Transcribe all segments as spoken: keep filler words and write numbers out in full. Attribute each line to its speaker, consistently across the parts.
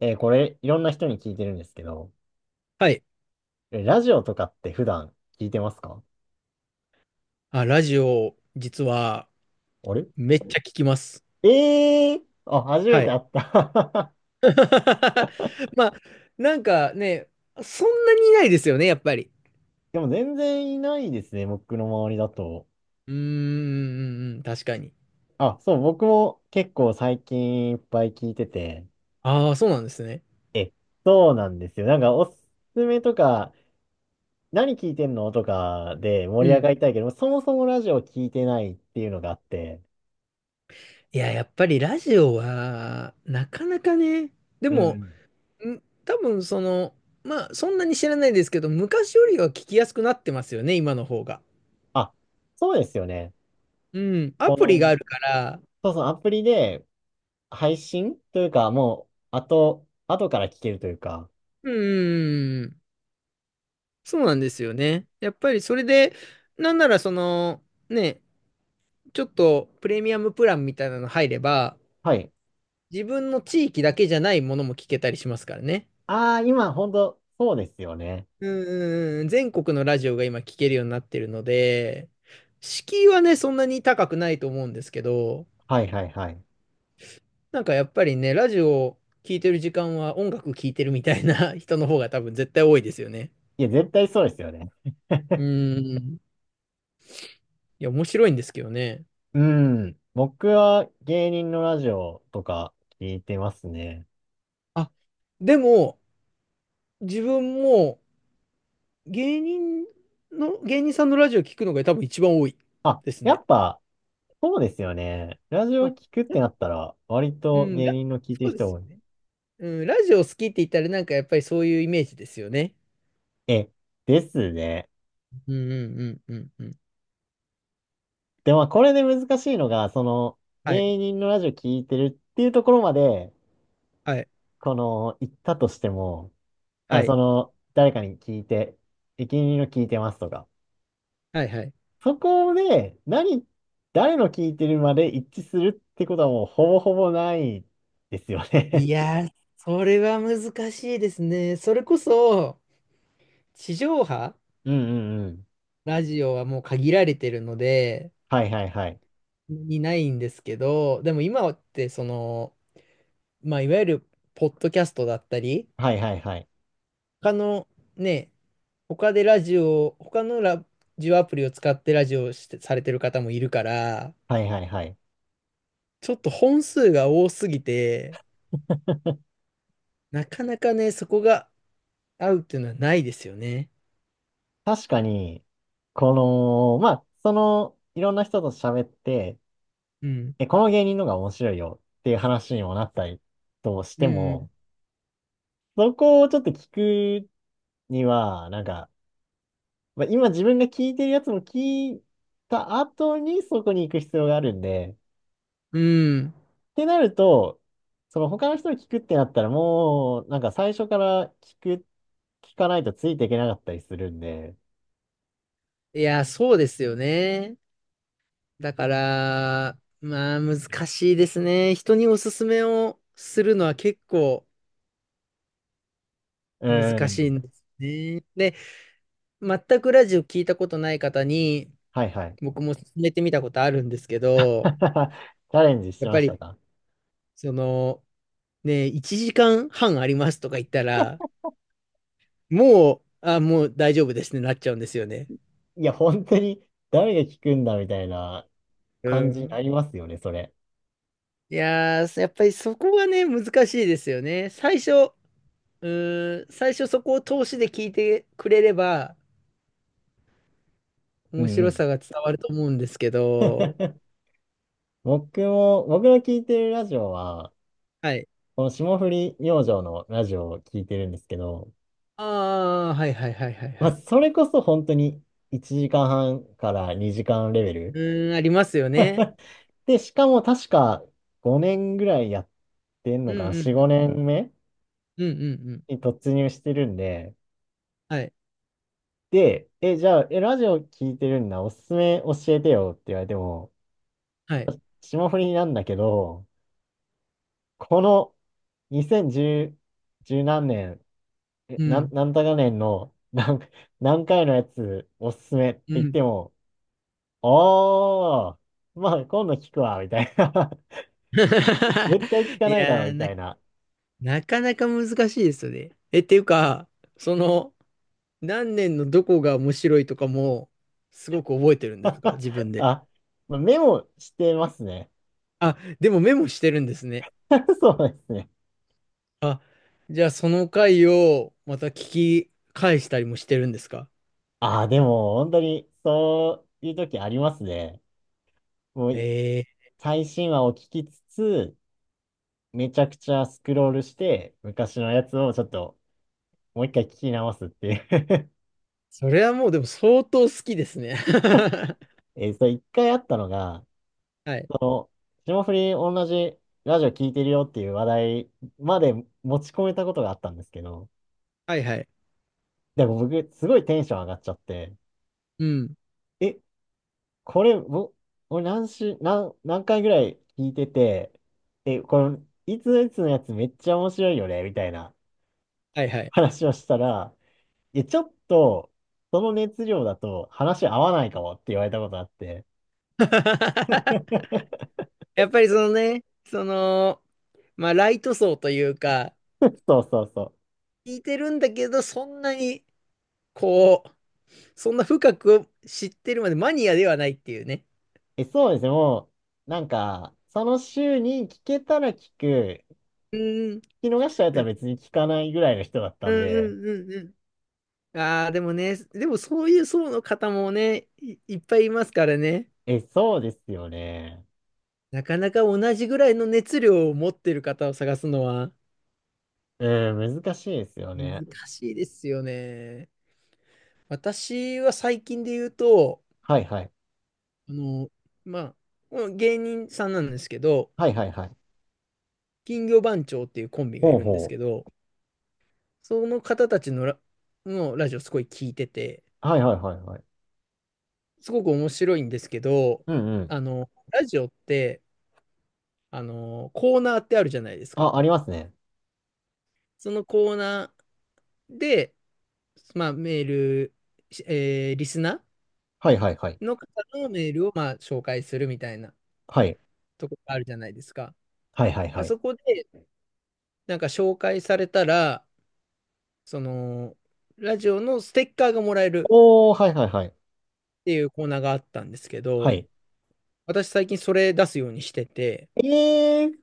Speaker 1: えーこれ、いろんな人に聞いてるんですけど、
Speaker 2: はい。
Speaker 1: えラジオとかって普段聞いてますか？
Speaker 2: あ、ラジオ、実は、
Speaker 1: あれ？
Speaker 2: めっちゃ聞きます。
Speaker 1: ええー、あ、初め
Speaker 2: は
Speaker 1: て
Speaker 2: い。
Speaker 1: 会った。
Speaker 2: まあ、なんかね、そんなにいないですよね、やっぱり。
Speaker 1: でも全然いないですね、僕の周りだと。
Speaker 2: うーん、うんうん確かに。
Speaker 1: あ、そう、僕も結構最近いっぱい聞いてて。
Speaker 2: ああ、そうなんですね。
Speaker 1: え、そうなんですよ。なんかおすすめとか、何聞いてんのとかで
Speaker 2: う
Speaker 1: 盛り上
Speaker 2: ん。
Speaker 1: がりたいけど、そもそもラジオ聞いてないっていうのがあって。
Speaker 2: いや、やっぱりラジオは、なかなかね、で
Speaker 1: うんう
Speaker 2: も、
Speaker 1: ん。
Speaker 2: ん多分その、まあ、そんなに知らないですけど、昔よりは聞きやすくなってますよね、今の方が。
Speaker 1: あ、そうですよね。
Speaker 2: うん。ア
Speaker 1: こ
Speaker 2: プリ
Speaker 1: の、
Speaker 2: があるから、
Speaker 1: そうそう、アプリで、配信というか、もう、後、後から聞けるというか。
Speaker 2: うん、うんうんそうなんですよね。やっぱりそれで、なんならその、ね、ちょっとプレミアムプランみたいなの入れば、
Speaker 1: はい。
Speaker 2: 自分の地域だけじゃないものも聞けたりしますからね。
Speaker 1: ああ、今、本当そうですよね。
Speaker 2: うんうんうん、全国のラジオが今聞けるようになってるので、敷居はね、そんなに高くないと思うんですけど、
Speaker 1: はいはいはい。
Speaker 2: なんかやっぱりね、ラジオを聞いてる時間は音楽聞いてるみたいな 人の方が多分絶対多いですよね。
Speaker 1: いや、絶対そうですよね。
Speaker 2: うん。いや、面白いんですけどね。
Speaker 1: うん。僕は芸人のラジオとか聞いてますね。
Speaker 2: あ、でも、自分も、芸人の、芸人さんのラジオ聞くのが多分一番多い
Speaker 1: あ、
Speaker 2: です
Speaker 1: や
Speaker 2: ね。
Speaker 1: っぱ、そうですよね。ラジオ
Speaker 2: まあ、
Speaker 1: 聞くっ
Speaker 2: な
Speaker 1: て
Speaker 2: ん
Speaker 1: な
Speaker 2: か、
Speaker 1: ったら、割
Speaker 2: う
Speaker 1: と
Speaker 2: ん、
Speaker 1: 芸
Speaker 2: ラ、
Speaker 1: 人の聞いて
Speaker 2: そ
Speaker 1: る
Speaker 2: うで
Speaker 1: 人
Speaker 2: すよ
Speaker 1: 多い。
Speaker 2: ね。ね。うん、ラジオ好きって言ったらなんかやっぱりそういうイメージですよね。
Speaker 1: え、ですね。
Speaker 2: うんうんうんうんうん。
Speaker 1: でも、これで難しいのが、その、
Speaker 2: はい、
Speaker 1: 芸人のラジオ聞いてるっていうところまで、
Speaker 2: はい、
Speaker 1: この、行ったとしても、あ、
Speaker 2: は
Speaker 1: そ
Speaker 2: い、
Speaker 1: の、誰かに聞いて、駅員の聞いてますとか。
Speaker 2: はい、はい。
Speaker 1: そこで、何、誰の聞いてるまで一致するってことはもうほぼほぼないですよ
Speaker 2: い
Speaker 1: ね。
Speaker 2: やー、それは難しいですね。それこそ、地上波
Speaker 1: うんうんうん。
Speaker 2: ラジオはもう限られてるので、
Speaker 1: はいはいはい。
Speaker 2: にないんですけど、でも今ってその、まあ、いわゆるポッドキャストだったり、
Speaker 1: はいはいはい。
Speaker 2: 他のね、他でラジオ、他のラジオアプリを使ってラジオをして、されてる方もいるから、
Speaker 1: はいはいはい。
Speaker 2: ちょっと本数が多すぎて、なかなかね、そこが合うっていうのはないですよね。
Speaker 1: 確かに、この、まあ、その、いろんな人と喋って、
Speaker 2: うん。
Speaker 1: え、この芸人のが面白いよっていう話にもなったりとし
Speaker 2: う
Speaker 1: て
Speaker 2: ん。
Speaker 1: も、そこをちょっと聞くには、なんか、まあ、今自分が聞いてるやつも聞いた後にそこに行く必要があるんで、
Speaker 2: うん。
Speaker 1: ってなると、その他の人に聞くってなったらもう、なんか最初から聞く、聞かないとついていけなかったりするんで、
Speaker 2: いや、そうですよね。だから、まあ難しいですね。人におすすめをするのは結構
Speaker 1: う
Speaker 2: 難しい
Speaker 1: ん、
Speaker 2: んですね。で、全くラジオ聞いたことない方に、
Speaker 1: はいはい。
Speaker 2: 僕も進めてみたことあるんですけど、
Speaker 1: チャレンジし
Speaker 2: や
Speaker 1: て
Speaker 2: っ
Speaker 1: ま
Speaker 2: ぱ
Speaker 1: し
Speaker 2: り、
Speaker 1: たか？
Speaker 2: その、ね、いちじかんはんありますとか言ったら、もう、あ、もう大丈夫ですね、なっちゃうんですよね。
Speaker 1: いや、本当に誰が聞くんだみたいな
Speaker 2: う
Speaker 1: 感じに
Speaker 2: ん。
Speaker 1: なりますよね、それ。
Speaker 2: いやー、やっぱりそこがね、難しいですよね。最初、うーん、最初そこを通しで聞いてくれれば、
Speaker 1: う
Speaker 2: 面
Speaker 1: んう
Speaker 2: 白
Speaker 1: ん。
Speaker 2: さが伝わると思うんですけど、
Speaker 1: 僕も、僕の聞いてるラジオは、
Speaker 2: はい。
Speaker 1: この霜降り明星のラジオを聞いてるんですけど、
Speaker 2: ああ、はいはいはいはい
Speaker 1: ま
Speaker 2: は
Speaker 1: あ、
Speaker 2: い。
Speaker 1: それこそ本当にいちじかんはんからにじかんレベ
Speaker 2: う
Speaker 1: ル。
Speaker 2: ーん、ありますよね。
Speaker 1: で、しかも確かごねんぐらいやってん
Speaker 2: う
Speaker 1: の
Speaker 2: ん
Speaker 1: か
Speaker 2: う
Speaker 1: な、
Speaker 2: んう
Speaker 1: よん、
Speaker 2: ん。
Speaker 1: ごねんめ
Speaker 2: うんうんうん。
Speaker 1: に突入してるんで、
Speaker 2: はい。
Speaker 1: で、え、じゃあ、え、ラジオ聞いてるんだ、おすすめ教えてよって言われても、
Speaker 2: はい。
Speaker 1: 霜降りなんだけど、このにせんじゅう、じゅう何年、え、
Speaker 2: う
Speaker 1: なん、
Speaker 2: ん。
Speaker 1: なんたか年の何、何回のやつおすすめって
Speaker 2: う
Speaker 1: 言っ
Speaker 2: ん
Speaker 1: ても、ああ、まあ今度聞くわ、みたいな。絶対聞か
Speaker 2: い
Speaker 1: ないだろう、
Speaker 2: やー、
Speaker 1: み
Speaker 2: な、
Speaker 1: たいな。
Speaker 2: なかなか難しいですよね。え、っていうか、その、何年のどこが面白いとかも、すごく覚えてるんですか、自分 で。
Speaker 1: あ、まあメモしてますね。
Speaker 2: あ、でもメモしてるんですね。
Speaker 1: そうですね。
Speaker 2: あ、じゃあその回をまた聞き返したりもしてるんですか。
Speaker 1: あ、でも、本当に、そういう時ありますね。も
Speaker 2: え
Speaker 1: う、
Speaker 2: ー、
Speaker 1: 最新話を聞きつつ、めちゃくちゃスクロールして、昔のやつをちょっと、もう一回聞き直すっていう。
Speaker 2: それはもうでも相当好きですね。
Speaker 1: えー、それ一回あったのが、
Speaker 2: はい。
Speaker 1: 霜降り同じラジオ聞いてるよっていう話題まで持ち込めたことがあったんですけど、
Speaker 2: はいはい。
Speaker 1: でも僕、すごいテンション上がっちゃって、
Speaker 2: うん。
Speaker 1: え、これ、ぼ俺何し、何、何回ぐらい聞いてて、え、この、いついつのやつめっちゃ面白いよね、みたいな
Speaker 2: はいはい。
Speaker 1: 話をしたら、え、ちょっと、その熱量だと話合わないかもって言われたことあって。
Speaker 2: やっぱりそのね、その、まあ、ライト層というか、
Speaker 1: そうそうそう。
Speaker 2: 聞いてるんだけど、そんなに、こう、そんな深く知ってるまでマニアではないっていうね。
Speaker 1: え、そうですね、もう、なんか、その週に聞けたら聞く、聞
Speaker 2: うん、うん
Speaker 1: き逃したやつは別に聞かないぐらいの人だった
Speaker 2: う
Speaker 1: んで、
Speaker 2: んうんうん。ああ、でもね、でもそういう層の方もね、い、いっぱいいますからね。
Speaker 1: え、そうですよね。
Speaker 2: なかなか同じぐらいの熱量を持ってる方を探すのは
Speaker 1: うん、難しいですよね。
Speaker 2: 難しいですよね。私は最近で言うと、
Speaker 1: はいはい。
Speaker 2: あの、まあ、もう芸人さんなんですけど、
Speaker 1: はいはいはい。
Speaker 2: 金魚番長っていうコンビがい
Speaker 1: ほう
Speaker 2: るんです
Speaker 1: ほ
Speaker 2: け
Speaker 1: う。
Speaker 2: ど、その方たちのラ、のラジオすごい聞いてて、
Speaker 1: はいはいはいはい。
Speaker 2: すごく面白いんですけど、
Speaker 1: うんうん。
Speaker 2: あの、ラジオって、あの、コーナーってあるじゃないですか。
Speaker 1: あ、ありますね。
Speaker 2: そのコーナーで、まあ、メール、しえーリスナ
Speaker 1: はいはいはい。
Speaker 2: ーの方のメールを、まあ、紹介するみたいな
Speaker 1: はい。
Speaker 2: とこがあるじゃないですか。
Speaker 1: はいはい
Speaker 2: ま
Speaker 1: は
Speaker 2: あ
Speaker 1: い。
Speaker 2: そこで、なんか紹介されたら、その、ラジオのステッカーがもらえる
Speaker 1: おー、はいはいはい。
Speaker 2: っていうコーナーがあったんですけ
Speaker 1: は
Speaker 2: ど、
Speaker 1: い。
Speaker 2: 私最近それ出すようにしてて、
Speaker 1: えー、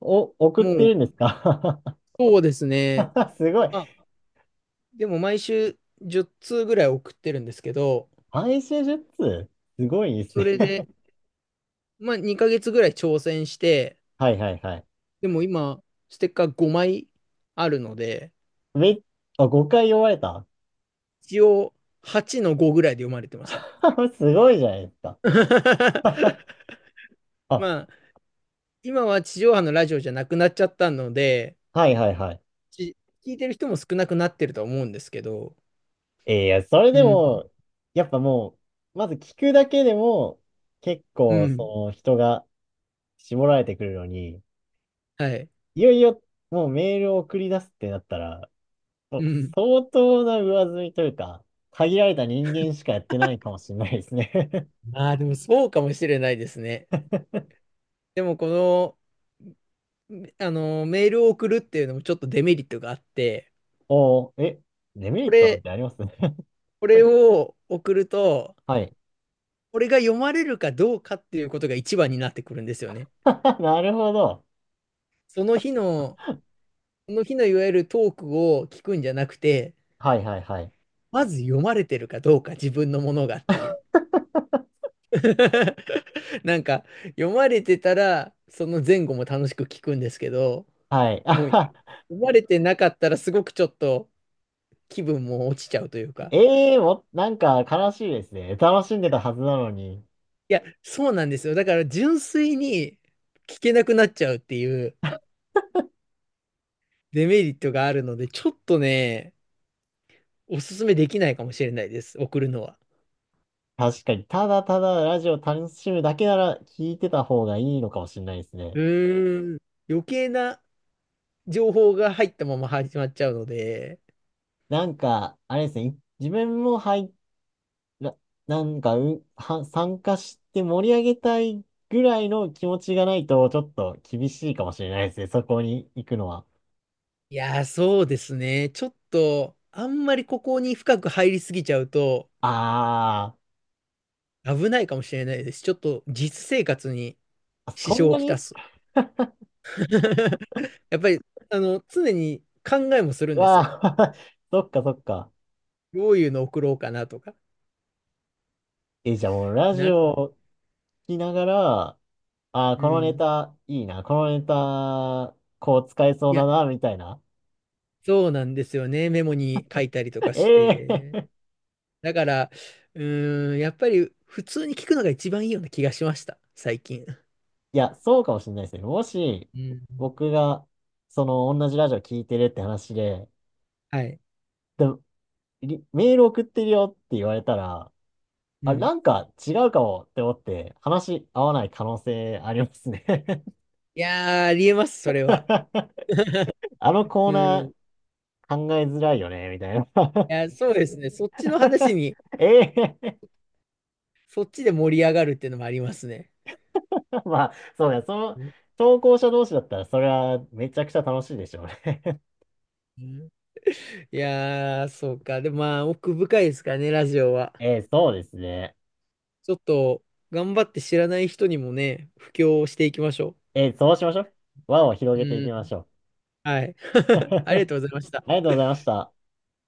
Speaker 1: お、送っ
Speaker 2: も
Speaker 1: てるんです
Speaker 2: う、
Speaker 1: か？
Speaker 2: そうですね。
Speaker 1: すごい。
Speaker 2: まあ、でも毎週じゅう通ぐらい送ってるんですけど、
Speaker 1: 配信術すごいです
Speaker 2: そ
Speaker 1: ね。
Speaker 2: れで、まあ、にかげつぐらい挑戦して、
Speaker 1: はいはいはい。
Speaker 2: でも今、ステッカーごまいあるので、
Speaker 1: め、あ、ごかい読まれた。
Speaker 2: 一応はちのごぐらいで読まれてますね。
Speaker 1: すごいじゃないですか。あ、
Speaker 2: まあ、今は地上波のラジオじゃなくなっちゃったので、
Speaker 1: はいはいはい。
Speaker 2: ち聞いてる人も少なくなってるとは思うんですけど、
Speaker 1: えーいや、それ
Speaker 2: う
Speaker 1: でも、
Speaker 2: ん、
Speaker 1: やっぱもう、まず聞くだけでも、結
Speaker 2: う
Speaker 1: 構、
Speaker 2: ん、
Speaker 1: その人が絞られてくるのに、
Speaker 2: はい、
Speaker 1: いよいよ、もうメールを送り出すってなったら、もう
Speaker 2: うん。
Speaker 1: 相当な上積みというか、限られた人間しかやってないかもしれないですね。
Speaker 2: ああ、でもそうかもしれないですね。でも、この、あの、メールを送るっていうのもちょっとデメリットがあって、
Speaker 1: おー、え、デメリ
Speaker 2: こ
Speaker 1: ットなん
Speaker 2: れ、
Speaker 1: てあります？
Speaker 2: これを送ると、
Speaker 1: はい。
Speaker 2: これが読まれるかどうかっていうことが一番になってくるんですよね。
Speaker 1: なるほど。
Speaker 2: その日の、その日のいわゆるトークを聞くんじゃなくて、
Speaker 1: はいはいはい。
Speaker 2: まず読まれてるかどうか自分のものがっていう。なんか、読まれてたら、その前後も楽しく聞くんですけど、
Speaker 1: はい。あ
Speaker 2: もう、読
Speaker 1: は
Speaker 2: まれてなかったらすごくちょっと気分も落ちちゃうというか。
Speaker 1: ええー、も、なんか悲しいですね。楽しんでたはずなのに。
Speaker 2: いや、そうなんですよ。だから純粋に聞けなくなっちゃうっていうデメリットがあるので、ちょっとね、おすすめできないかもしれないです。送るのは。
Speaker 1: 確かに、ただただラジオ楽しむだけなら聞いてた方がいいのかもしれないです
Speaker 2: う
Speaker 1: ね。
Speaker 2: ーん。余計な情報が入ったまま始まっちゃうので、
Speaker 1: なんか、あれですね。自分も拝な、なんか、うは、参加して盛り上げたいぐらいの気持ちがないと、ちょっと厳しいかもしれないですね。そこに行くのは。
Speaker 2: いやー、そうですね。ちょっと、あんまりここに深く入りすぎちゃうと
Speaker 1: あ
Speaker 2: 危ないかもしれないです。ちょっと実生活に
Speaker 1: ー、
Speaker 2: 支
Speaker 1: そん
Speaker 2: 障を
Speaker 1: な
Speaker 2: きた
Speaker 1: に。
Speaker 2: す。やっぱり、あの、常に考えもするんですよ。
Speaker 1: わあ、そっかそっか。
Speaker 2: どういうの送ろうかなとか。
Speaker 1: え、じゃあもうラジ
Speaker 2: なの
Speaker 1: オ
Speaker 2: で、
Speaker 1: を聞きながら、あー、
Speaker 2: う
Speaker 1: このネ
Speaker 2: ん。
Speaker 1: タいいな、このネタ、こう使えそう
Speaker 2: い
Speaker 1: だ
Speaker 2: や、
Speaker 1: な、みたいな。
Speaker 2: そうなんですよね。メモに書いたりと かし
Speaker 1: ええ
Speaker 2: て。
Speaker 1: ー。
Speaker 2: だから、うーん、やっぱり普通に聞くのが一番いいような気がしました、最近。
Speaker 1: いや、そうかもしれないですね。もし、
Speaker 2: うん。
Speaker 1: 僕が、その、同じラジオ聞いてるって話で、
Speaker 2: はい。
Speaker 1: でリメール送ってるよって言われたら、
Speaker 2: う
Speaker 1: あ、
Speaker 2: ん。
Speaker 1: なんか違うかもって思って話合わない可能性ありますね。
Speaker 2: いやー、ありえます、それは。
Speaker 1: あのコー
Speaker 2: うん。
Speaker 1: ナー
Speaker 2: い
Speaker 1: 考えづらいよね、みたいな。
Speaker 2: や、そうですね。そっちの話に、
Speaker 1: ええ。
Speaker 2: そっちで盛り上がるっていうのもありますね。
Speaker 1: まあ、そうだ、その、
Speaker 2: うん
Speaker 1: 投稿者同士だったら、それはめちゃくちゃ楽しいでしょうね。
Speaker 2: うんいやー、そうか。でもまあ、奥深いですからね、ラジオは。
Speaker 1: ええ、そうですね。
Speaker 2: ちょっと、頑張って知らない人にもね、布教をしていきましょ
Speaker 1: ええ、そうしましょう。輪を広
Speaker 2: う。
Speaker 1: げてい
Speaker 2: う
Speaker 1: き
Speaker 2: ん。
Speaker 1: ましょう。
Speaker 2: はい。ありがとうございました。
Speaker 1: ありがとうございました。